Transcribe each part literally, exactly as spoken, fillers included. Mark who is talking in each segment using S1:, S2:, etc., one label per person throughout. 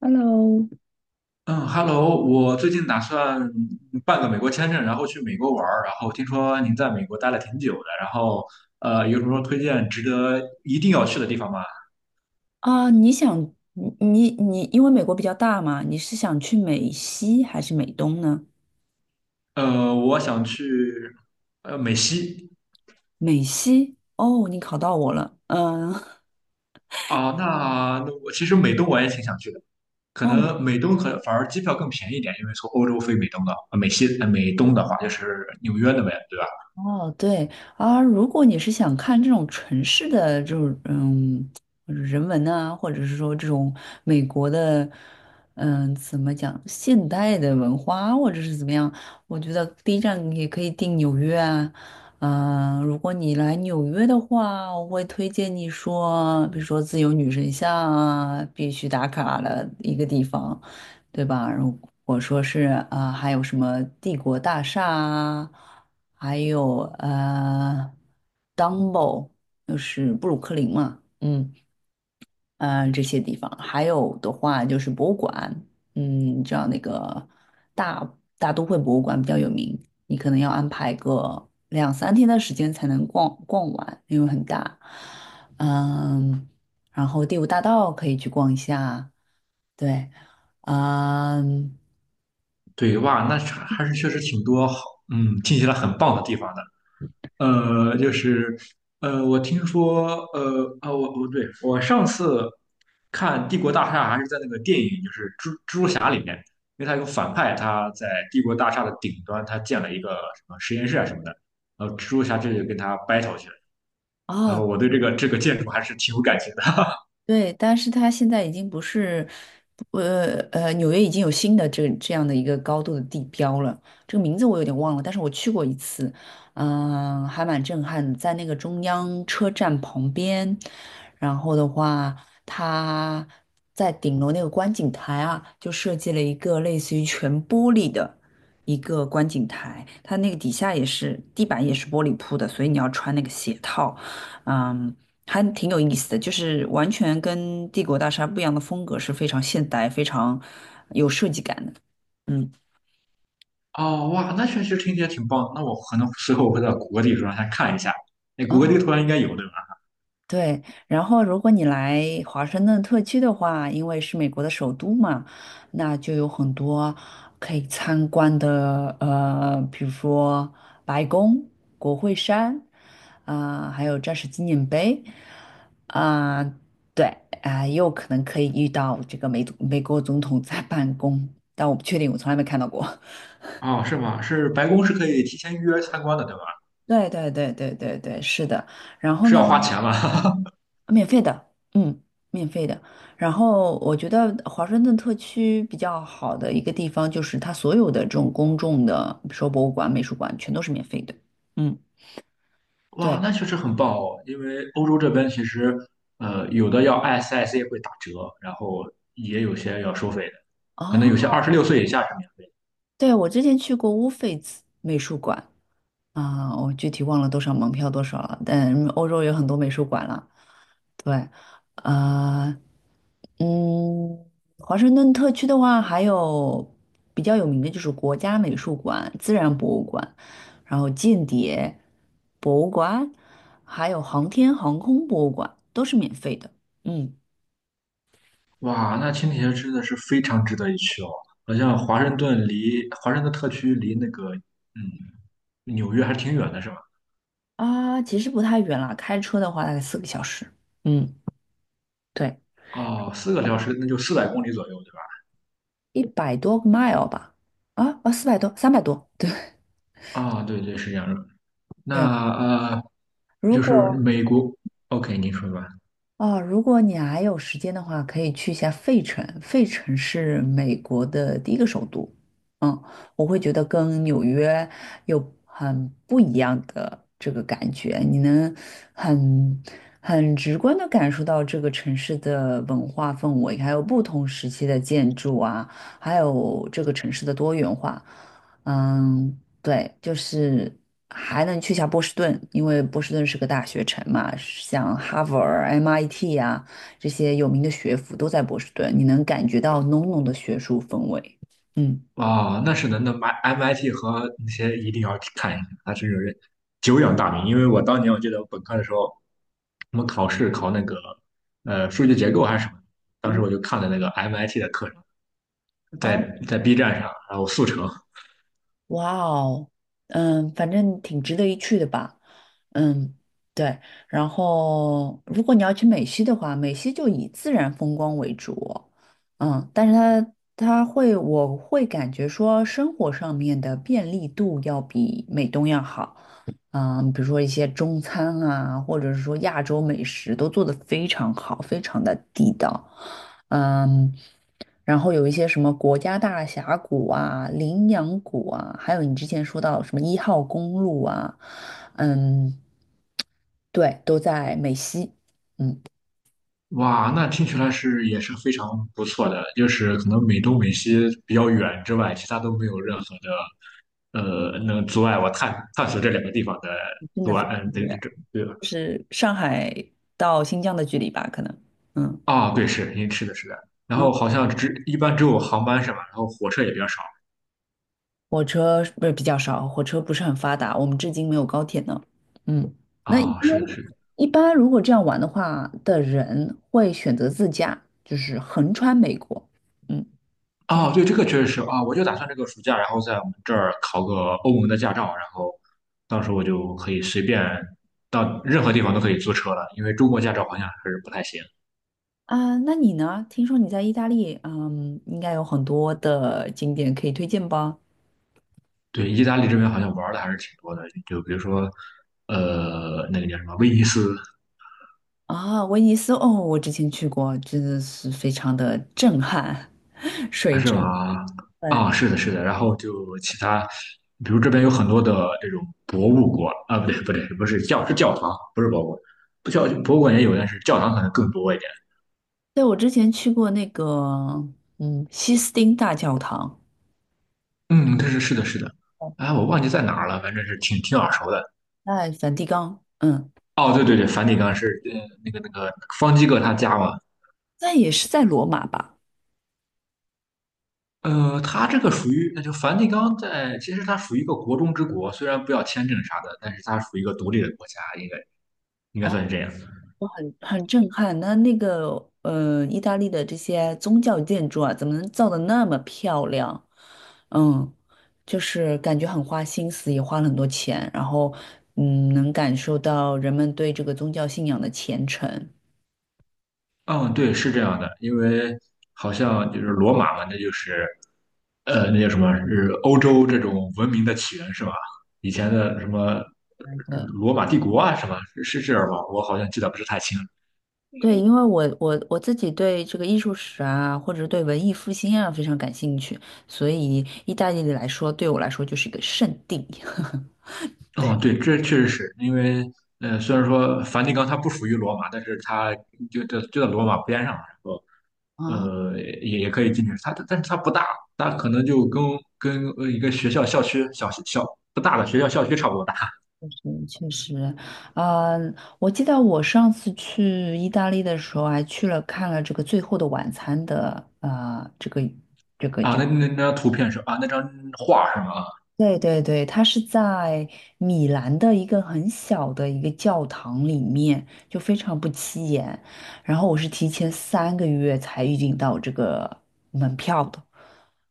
S1: Hello。
S2: 嗯，Hello，我最近打算办个美国签证，然后去美国玩儿。然后听说您在美国待了挺久的，然后呃，有什么推荐值得一定要去的地方吗？
S1: 啊，你想你你你，因为美国比较大嘛，你是想去美西还是美东呢？
S2: 呃，我想去呃美西。
S1: 美西，哦，你考到我了，嗯。
S2: 啊，那那我其实美东我也挺想去的，可
S1: 哦。
S2: 能美东可反而机票更便宜一点，因为从欧洲飞美东的，呃美西呃美东的话就是纽约那边，对吧？
S1: 哦，对啊，如果你是想看这种城市的这种嗯人文啊，或者是说这种美国的嗯怎么讲现代的文化，或者是怎么样，我觉得第一站也可以定纽约啊。嗯、如果你来纽约的话，我会推荐你说，比如说自由女神像啊，必须打卡的一个地方，对吧？如果说是啊、还有什么帝国大厦啊。还有呃 d u m b o 就是布鲁克林嘛，嗯呃这些地方，还有的话就是博物馆，嗯，你知道那个大大都会博物馆比较有名，你可能要安排个两三天的时间才能逛逛完，因为很大，嗯，然后第五大道可以去逛一下，对，嗯。
S2: 对哇，那还是确实挺多好，嗯，听起来很棒的地方的。呃，就是呃，我听说呃啊，我我对我上次看《帝国大厦》还是在那个电影，就是蜘蜘蛛侠里面，因为他有个反派，他在帝国大厦的顶端，他建了一个什么实验室啊什么的，然后蜘蛛侠这就跟他 battle 去了。然
S1: 哦，
S2: 后我对这个这个建筑还是挺有感情的。
S1: 对，但是它现在已经不是，呃呃，纽约已经有新的这这样的一个高度的地标了。这个名字我有点忘了，但是我去过一次，嗯、还蛮震撼的，在那个中央车站旁边。然后的话，它在顶楼那个观景台啊，就设计了一个类似于全玻璃的一个观景台，它那个底下也是地板也是玻璃铺的，所以你要穿那个鞋套。嗯，还挺有意思的，就是完全跟帝国大厦不一样的风格，是非常现代、非常有设计感的。嗯
S2: 哦，哇，那确实听起来挺棒的，那我可能随后我会到谷歌地图上先看一下。那谷歌
S1: 啊。
S2: 地图上应该有，对吧？
S1: 对，然后如果你来华盛顿特区的话，因为是美国的首都嘛，那就有很多可以参观的，呃，比如说白宫、国会山，啊、还有战士纪念碑，啊、对，啊、也有可能可以遇到这个美总美国总统在办公，但我不确定，我从来没看到过。
S2: 哦，是吗？是白宫是可以提前预约参观的，对吧？
S1: 对对对对对对，是的。然后
S2: 是
S1: 呢？
S2: 要花钱吗？
S1: 免费的，嗯，免费的。然后我觉得华盛顿特区比较好的一个地方就是它所有的这种公众的，比如说博物馆、美术馆，全都是免费的。嗯，
S2: 哇，
S1: 对。
S2: 那确实很棒哦，因为欧洲这边其实，呃，有的要 S I C 会打折，然后也有些要收费的，可能有
S1: 哦，
S2: 些二十六岁以下是免费的。
S1: 对，我之前去过乌菲兹美术馆啊，我具体忘了多少门票多少了，但欧洲有很多美术馆了。对，啊。嗯，华盛顿特区的话，还有比较有名的就是国家美术馆、自然博物馆，然后间谍博物馆，还有航天航空博物馆，都是免费的。嗯
S2: 哇，那青铁真的是非常值得一去哦，好像华盛顿离华盛顿特区离那个嗯纽约还挺远的，是吧？
S1: 啊，其实不太远啦，开车的话大概四个小时。嗯，对，
S2: 哦，四个小时那就四百公里左右，对吧？
S1: 一百多个 mile 吧。啊啊，四百多，三百多。对
S2: 啊、对对，是这样的。
S1: 对，
S2: 那呃，
S1: 如
S2: 就是
S1: 果
S2: 美国，OK,您说吧。
S1: 哦，如果你还有时间的话，可以去一下费城。费城是美国的第一个首都，嗯，我会觉得跟纽约有很不一样的这个感觉，你能很很直观的感受到这个城市的文化氛围，还有不同时期的建筑啊，还有这个城市的多元化。嗯，对，就是还能去下波士顿，因为波士顿是个大学城嘛，像哈佛儿、M I T 呀、这些有名的学府都在波士顿，你能感觉到浓浓的学术氛围。嗯
S2: 啊、那是的，那 M I T 和那些一定要去看一，那它真是久仰大名。因为我当年我记得我本科的时候，我们考试考那个呃数据结构还是什么，当时
S1: 嗯
S2: 我就看了那个 M I T 的课程，
S1: 啊，
S2: 在在 B 站上，然后速成，
S1: 哇哦，嗯，反正挺值得一去的吧。嗯，对。然后，如果你要去美西的话，美西就以自然风光为主。嗯，但是它它会，我会感觉说生活上面的便利度要比美东要好。嗯，比如说一些中餐啊，或者是说亚洲美食都做得非常好，非常的地道。嗯，然后有一些什么国家大峡谷啊、羚羊谷啊，还有你之前说到什么一号公路啊，嗯。对，都在美西。嗯，
S2: 哇，那听起来是也是非常不错的，就是可能美东美西比较远之外，其他都没有任何的呃能阻碍我探探索这两个地方的
S1: 真
S2: 阻
S1: 的
S2: 碍，
S1: 非
S2: 嗯，
S1: 常
S2: 对
S1: 远，
S2: 对对，
S1: 就是上海到新疆的距离吧，可能。嗯
S2: 啊，对，是，因为是的，是的。然
S1: 嗯，
S2: 后好像只一般只有航班是吧？然后火车也比较少。
S1: 火车不是比较少，火车不是很发达，我们至今没有高铁呢。嗯，那一般
S2: 啊，是的，是的。
S1: 一般如果这样玩的话的人会选择自驾，就是横穿美国。嗯
S2: 啊，对，这个确实是啊，我就打算这个暑假，然后在我们这儿考个欧盟的驾照，然后到时候我就可以随便到任何地方都可以租车了，因为中国驾照好像还是不太行。
S1: 啊，那你呢？听说你在意大利，嗯，应该有很多的景点可以推荐吧？
S2: 对，意大利这边好像玩的还是挺多的，就比如说，呃，那个叫什么威尼斯。
S1: 啊，威尼斯哦，我之前去过，真的是非常的震撼，水
S2: 是
S1: 城。
S2: 吗？
S1: 对，
S2: 啊，是的，是的。然后就其他，比如这边有很多的这种博物馆啊，不对，不对，不是教是教堂，不是博物馆，不教博物馆也有，但是教堂可能更多一点。
S1: 对，我之前去过那个，嗯，西斯汀大教堂，
S2: 嗯，但是是的，是的。哎，我忘记在哪儿了，反正是挺挺耳熟的。
S1: 在梵蒂冈，嗯，
S2: 哦，对对对，梵蒂冈是呃那个那个方基各他家嘛。
S1: 那也是在罗马吧？
S2: 呃，他这个属于，那就梵蒂冈在，其实它属于一个国中之国，虽然不要签证啥的，但是它属于一个独立的国家，应该应该
S1: 哦，
S2: 算是这样。
S1: 很震撼。那那个，呃，意大利的这些宗教建筑啊，怎么能造的那么漂亮？嗯，就是感觉很花心思，也花了很多钱，然后，嗯，能感受到人们对这个宗教信仰的虔诚。
S2: 嗯，对，是这样的，因为好像就是罗马嘛，那就是呃，那叫什么？是欧洲这种文明的起源是吧？以前的什么呃
S1: 对。
S2: 罗马帝国啊，什么是是这样吗？我好像记得不是太清。
S1: 对，因为我我我自己对这个艺术史啊，或者是对文艺复兴啊非常感兴趣，所以意大利来说，对我来说就是一个圣地。
S2: 哦，
S1: 对。
S2: 对，这确实是因为呃，虽然说梵蒂冈它不属于罗马，但是它就就就在罗马边上，然后
S1: 啊，
S2: 呃也也可以进去。它但是它不大，它可能就跟跟呃一个学校校区小小不大的学校校区差不多大。
S1: 是确实，嗯，我记得我上次去意大利的时候，还去了看了这个《最后的晚餐》的，呃，这个
S2: 啊、那那那张图片是啊，那张画是吗？啊
S1: 对对对，它是在米兰的一个很小的一个教堂里面，就非常不起眼。然后我是提前三个月才预订到这个门票的，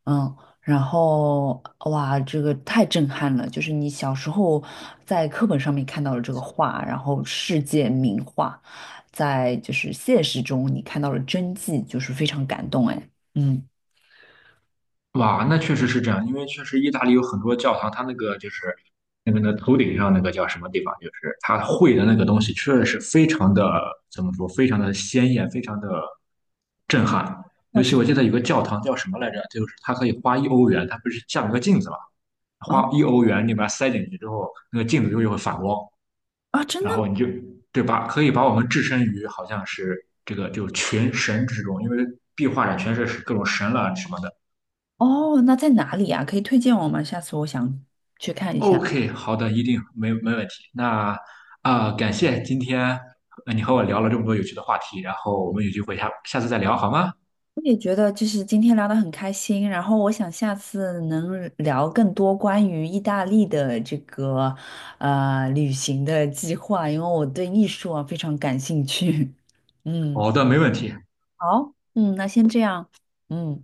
S1: 嗯，然后哇，这个太震撼了！就是你小时候在课本上面看到了这个画，然后世界名画，在就是现实中你看到了真迹，就是非常感动哎，嗯，
S2: 哇，那确实是这样，因为确实意大利有很多教堂，它那个就是那个那头顶上那个叫什么地方，就是它绘的那个东西，确实是非常的怎么说，非常的鲜艳，非常的震撼。
S1: 倒
S2: 尤其
S1: 是
S2: 我记得有个教堂叫什么来着，就是它可以花一欧元，它不是像一个镜子嘛，
S1: 啊
S2: 花一欧元，你把它塞进去之后，那个镜子就会反光。
S1: 啊，真
S2: 然
S1: 的
S2: 后你就对吧？可以把我们置身于好像是这个就群神之中，因为壁画上全是各种神了什么的。
S1: 哦，那在哪里啊？可以推荐我吗？下次我想去看一下。
S2: OK,好的，一定没没问题。那啊、呃感谢今天呃你和我聊了这么多有趣的话题，然后我们有机会下下次再聊好吗？
S1: 我也觉得就是今天聊得很开心，然后我想下次能聊更多关于意大利的这个呃旅行的计划，因为我对艺术啊非常感兴趣。嗯，
S2: 好的，没问题。
S1: 好，嗯，那先这样，嗯。